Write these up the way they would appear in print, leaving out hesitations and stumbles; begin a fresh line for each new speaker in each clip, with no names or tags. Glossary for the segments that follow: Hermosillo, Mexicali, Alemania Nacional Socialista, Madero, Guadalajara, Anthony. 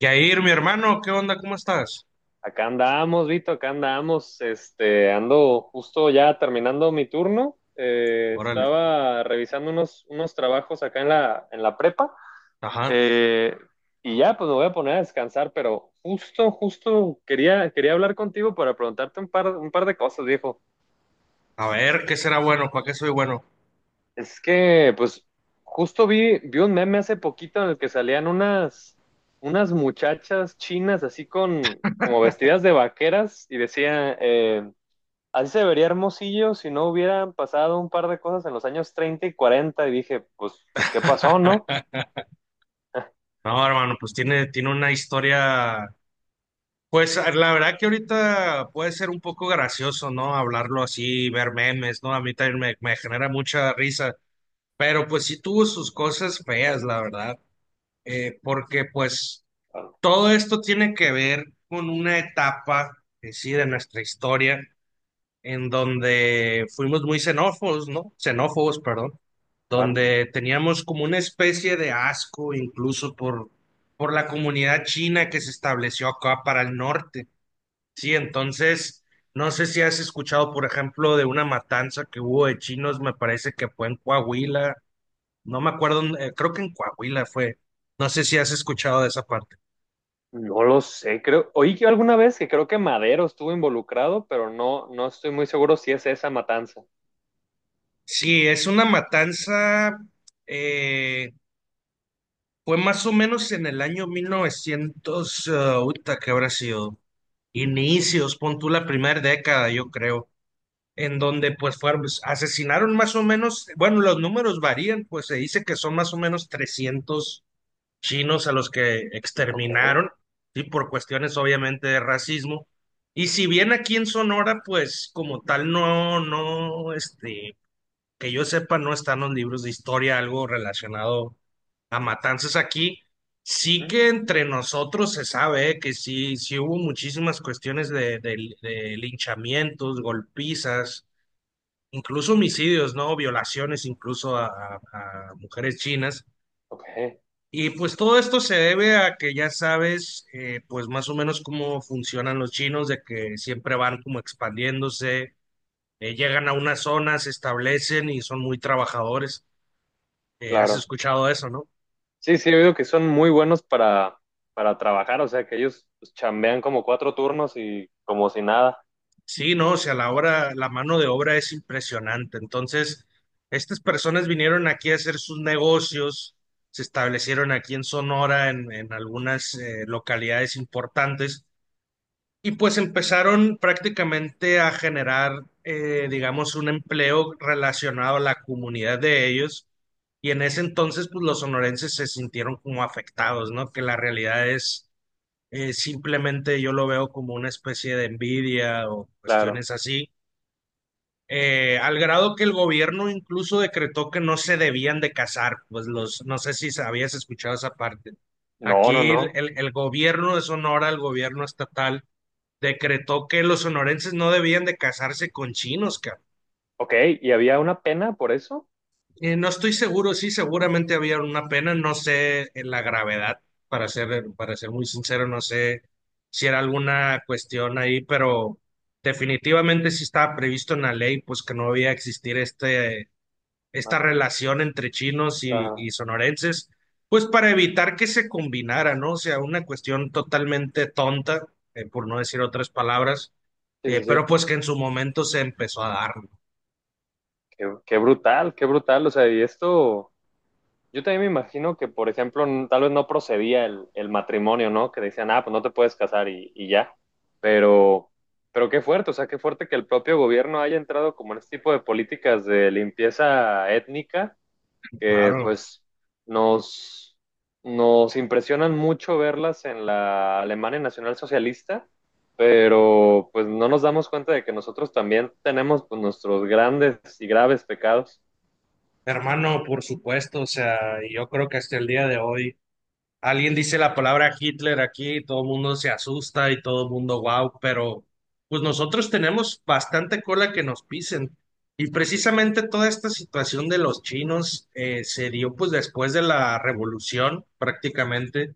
Yair, mi hermano, ¿qué onda? ¿Cómo estás?
Acá andamos, Vito, acá andamos. Ando justo ya terminando mi turno.
Órale,
Estaba revisando unos trabajos acá en en la prepa.
ajá.
Eh, y ya, pues me voy a poner a descansar, pero justo quería hablar contigo para preguntarte un un par de cosas, viejo.
A ver, ¿qué será bueno? ¿Para qué soy bueno?
Es que, pues, justo vi un meme hace poquito en el que salían unas muchachas chinas así con, como vestidas de vaqueras y decía... así se vería Hermosillo si no hubieran pasado un par de cosas en los años 30 y 40, y dije, pues, pues ¿qué pasó, no? Ah.
No, hermano, pues tiene una historia. Pues la verdad que ahorita puede ser un poco gracioso, ¿no? Hablarlo así, ver memes, ¿no? A mí también me genera mucha risa. Pero pues sí tuvo sus cosas feas, la verdad. Porque pues
Claro,
todo esto tiene que ver con una etapa, sí, de nuestra historia, en donde fuimos muy xenófobos, ¿no? Xenófobos, perdón,
claro.
donde teníamos como una especie de asco incluso por la comunidad china que se estableció acá para el norte. Sí, entonces, no sé si has escuchado, por ejemplo, de una matanza que hubo de chinos, me parece que fue en Coahuila, no me acuerdo, creo que en Coahuila fue, no sé si has escuchado de esa parte.
No lo sé, creo, oí que alguna vez que creo que Madero estuvo involucrado, pero no, no estoy muy seguro si es esa matanza.
Sí, es una matanza, eh, fue más o menos en el año 1900, ah, uta, ¿que habrá sido? Inicios, pon tú la primera década, yo creo, en donde pues fueron, pues, asesinaron más o menos, bueno, los números varían, pues se dice que son más o menos 300 chinos a los que
Ok,
exterminaron, y por cuestiones obviamente de racismo. Y si bien aquí en Sonora, pues como tal, no, no, este, que yo sepa, no están los libros de historia, algo relacionado a matanzas aquí. Sí
ujú,
que entre nosotros se sabe que sí, sí hubo muchísimas cuestiones de, de linchamientos, golpizas, incluso homicidios, ¿no? Violaciones incluso a, a mujeres chinas.
ok,
Y pues todo esto se debe a que ya sabes, pues más o menos cómo funcionan los chinos, de que siempre van como expandiéndose, llegan a una zona, se establecen y son muy trabajadores. Has
claro.
escuchado eso, ¿no?
Sí, sí, he oído que son muy buenos para trabajar, o sea, que ellos pues chambean como cuatro turnos y como si nada,
Sí, no, o sea, la obra, la mano de obra es impresionante. Entonces, estas personas vinieron aquí a hacer sus negocios, se establecieron aquí en Sonora, en algunas localidades importantes, y pues empezaron prácticamente a generar, digamos, un empleo relacionado a la comunidad de ellos. Y en ese entonces, pues los sonorenses se sintieron como afectados, ¿no? Que la realidad es... simplemente yo lo veo como una especie de envidia o
claro.
cuestiones así, al grado que el gobierno incluso decretó que no se debían de casar, pues los, no sé si habías escuchado esa parte.
No, no,
Aquí el,
no.
el gobierno de Sonora, el gobierno estatal, decretó que los sonorenses no debían de casarse con chinos, cabrón.
Ok, ¿y había una pena por eso?
No estoy seguro, sí, seguramente había una pena, no sé en la gravedad, para ser muy sincero, no sé si era alguna cuestión ahí, pero definitivamente sí estaba previsto en la ley, pues que no debía existir este, esta
Mate.
relación entre chinos
Claro,
y sonorenses, pues para evitar que se combinara, ¿no? O sea, una cuestión totalmente tonta, por no decir otras palabras,
sí, sí, sí.
pero pues que en su momento se empezó a dar, ¿no?
Qué, qué brutal, qué brutal. O sea, y esto, yo también me imagino que, por ejemplo, tal vez no procedía el matrimonio, ¿no? Que decían, ah, pues no te puedes casar y ya. Pero, pero qué fuerte, o sea, qué fuerte que el propio gobierno haya entrado como en este tipo de políticas de limpieza étnica, que
Claro.
pues nos, nos impresionan mucho verlas en la Alemania Nacional Socialista, pero pues no nos damos cuenta de que nosotros también tenemos, pues, nuestros grandes y graves pecados.
Hermano, por supuesto, o sea, yo creo que hasta el día de hoy alguien dice la palabra Hitler aquí, todo el mundo se asusta y todo el mundo wow, pero pues nosotros tenemos bastante cola que nos pisen. Y precisamente toda esta situación de los chinos se dio pues después de la revolución prácticamente,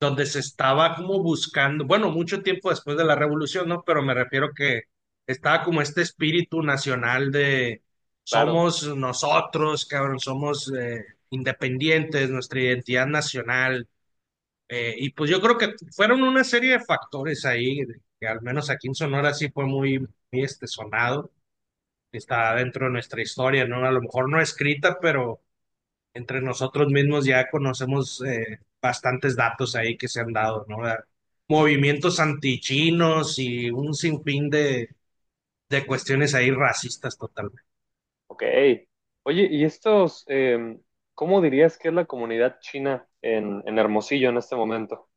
donde se estaba como buscando, bueno, mucho tiempo después de la revolución, ¿no? Pero me refiero que estaba como este espíritu nacional de
Claro,
somos nosotros, cabrón, somos independientes, nuestra identidad nacional, y pues yo creo que fueron una serie de factores ahí, de- que al menos aquí en Sonora sí fue muy, muy, este, sonado, está dentro de nuestra historia, ¿no? A lo mejor no escrita, pero entre nosotros mismos ya conocemos bastantes datos ahí que se han dado, ¿no? Movimientos antichinos y un sinfín de cuestiones ahí racistas totalmente.
ok. Oye, ¿y estos, cómo dirías que es la comunidad china en Hermosillo en este momento?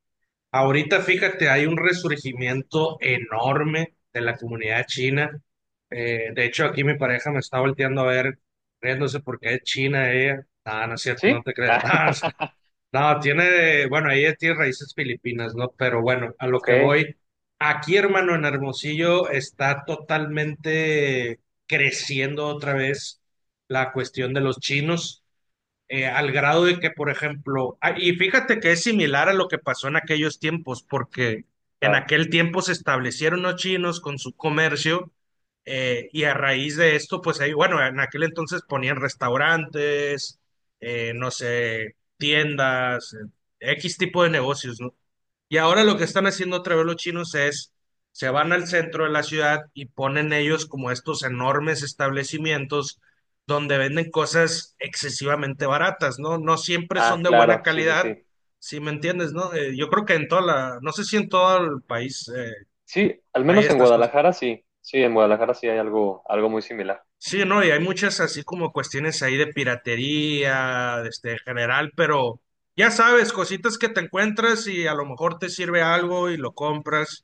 Ahorita, fíjate, hay un resurgimiento enorme de la comunidad china. De hecho, aquí mi pareja me está volteando a ver, riéndose porque es china ella. Ah, no es cierto, no
¿Sí?
te creas.
Ah.
No, sé. No, tiene, bueno, ella tiene raíces filipinas, ¿no? Pero bueno, a lo que
ok,
voy, aquí, hermano, en Hermosillo está totalmente creciendo otra vez la cuestión de los chinos, al grado de que, por ejemplo, ah, y fíjate que es similar a lo que pasó en aquellos tiempos, porque en
claro.
aquel tiempo se establecieron los chinos con su comercio, y a raíz de esto, pues ahí, bueno, en aquel entonces ponían restaurantes, no sé, tiendas, X tipo de negocios, ¿no? Y ahora lo que están haciendo otra vez los chinos es, se van al centro de la ciudad y ponen ellos como estos enormes establecimientos donde venden cosas excesivamente baratas, ¿no? No siempre
Ah,
son de buena
claro, sí, sí,
calidad,
sí.
si me entiendes, ¿no? Yo creo que en toda la, no sé si en todo el país
Sí, al
hay
menos en
estas cosas.
Guadalajara sí. Sí, en Guadalajara sí hay algo, algo muy similar.
Sí, no, y hay muchas así como cuestiones ahí de piratería, este, en general, pero ya sabes, cositas que te encuentras y a lo mejor te sirve algo y lo compras.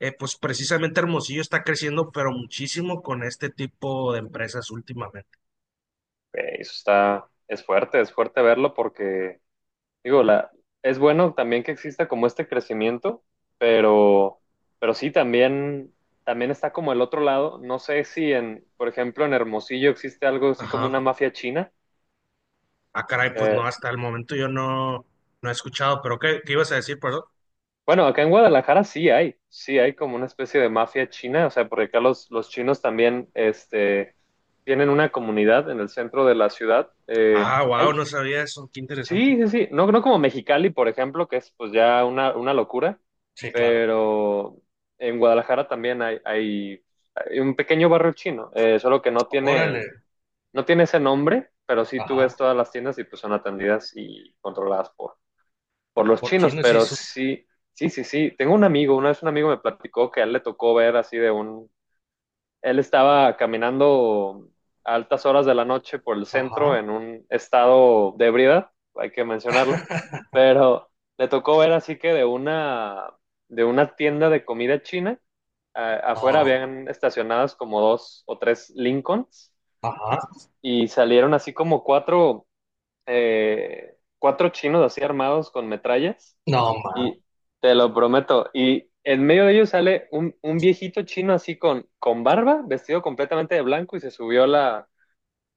Pues precisamente Hermosillo está creciendo, pero muchísimo con este tipo de empresas últimamente.
Ok, eso está, es fuerte verlo porque digo, la, es bueno también que exista como este crecimiento, pero, pero sí, también, también está como el otro lado. No sé si en, por ejemplo, en Hermosillo existe algo así como
Ajá.
una mafia china.
Ah, caray, pues no,
Eh,
hasta el momento yo no, no he escuchado, pero ¿qué, qué ibas a decir, perdón?
bueno, acá en Guadalajara sí hay como una especie de mafia china, o sea, porque acá los chinos también tienen una comunidad en el centro de la ciudad.
Ah, wow,
Hay...
no sabía eso, qué interesante.
Sí, sí, sí. No, no como Mexicali, por ejemplo, que es pues ya una locura,
Sí, claro.
pero en Guadalajara también hay un pequeño barrio chino, solo que no
Órale,
tiene, no tiene ese nombre, pero sí, tú
ajá,
ves todas las tiendas y pues son atendidas y controladas por los
por
chinos,
chino sí
pero
su...
sí, sí, sí, sí. Tengo un amigo, una vez un amigo me platicó que a él le tocó ver así de un... él estaba caminando a altas horas de la noche por el centro
Ajá,
en un estado de ebriedad, hay que mencionarlo, pero le tocó ver así que de una tienda de comida china, afuera
no, ma-
habían estacionadas como dos o tres Lincolns
ajá,
y salieron así como cuatro, cuatro chinos así armados con metrallas,
no, ma,
y te lo prometo. Y en medio de ellos sale un viejito chino así con barba, vestido completamente de blanco y se subió a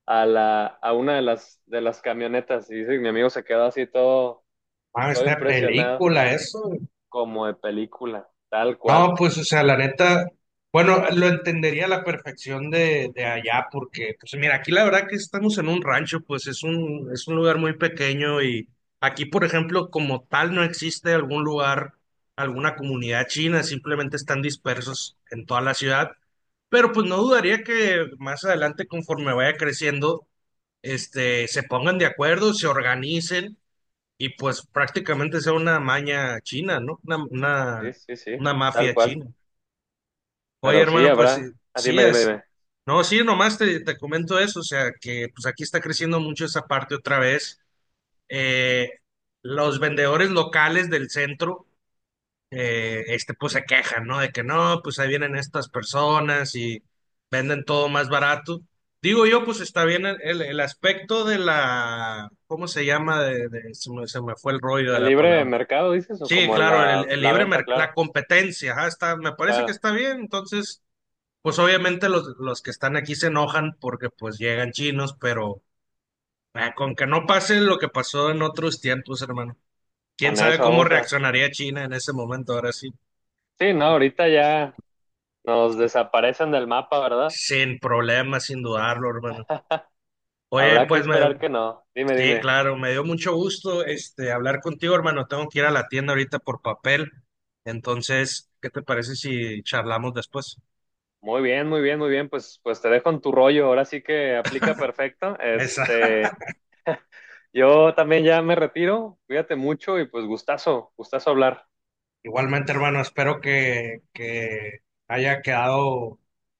a la, a una de de las camionetas. Y dice que mi amigo se quedó así todo,
ma,
todo
esta
impresionado,
película, eso.
como de película, tal
No,
cual.
pues, o sea, la neta, bueno, lo entendería a la perfección de allá, porque, pues, mira, aquí la verdad que estamos en un rancho, pues es un lugar muy pequeño y aquí, por ejemplo, como tal, no existe algún lugar, alguna comunidad china, simplemente están dispersos en toda la ciudad, pero pues no dudaría que más adelante, conforme vaya creciendo, este, se pongan de acuerdo, se organicen y pues prácticamente sea una maña china, ¿no?
Sí, sí, sí,
Una
tal
mafia
cual.
china. Oye,
Pero sí
hermano, pues
habrá. Ah,
sí,
dime, dime,
es,
dime.
no, sí, nomás te comento eso, o sea, que pues aquí está creciendo mucho esa parte otra vez. Eh, los vendedores locales del centro, este, pues se quejan, ¿no? De que no, pues ahí vienen estas personas y venden todo más barato. Digo yo, pues está bien el, el aspecto de la, ¿cómo se llama? De- se me fue el rollo de
¿El
la
libre
palabra.
mercado dices o
Sí,
como
claro, el
la
libre
venta?
merc- la
Claro,
competencia, ajá, está, me parece que
claro.
está bien, entonces. Pues obviamente los que están aquí se enojan porque pues llegan chinos, pero ah, con que no pase lo que pasó en otros tiempos, hermano. ¿Quién
Con
sabe
eso
cómo
vamos a...
reaccionaría China en ese momento? Ahora sí,
Sí, no, ahorita ya nos desaparecen del mapa, ¿verdad?
sin problemas, sin dudarlo, hermano. Oye,
Habrá que
pues me-
esperar que no. Dime,
sí,
dime.
claro, me dio mucho gusto este hablar contigo, hermano. Tengo que ir a la tienda ahorita por papel. Entonces, ¿qué te parece si charlamos después?
Muy bien, muy bien, muy bien. Pues, pues te dejo en tu rollo. Ahora sí que aplica perfecto.
Esa.
Yo también ya me retiro. Cuídate mucho y pues gustazo, gustazo hablar.
Igualmente, hermano, espero que haya quedado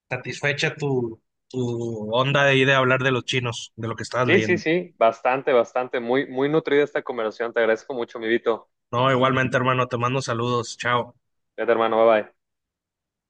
satisfecha tu, tu onda de ir a hablar de los chinos, de lo que estabas
Sí, sí,
leyendo.
sí. Bastante, bastante. Muy, muy nutrida esta conversación. Te agradezco mucho, mi Vito.
No, igualmente, hermano, te mando saludos. Chao.
Cuídate, hermano. Bye bye.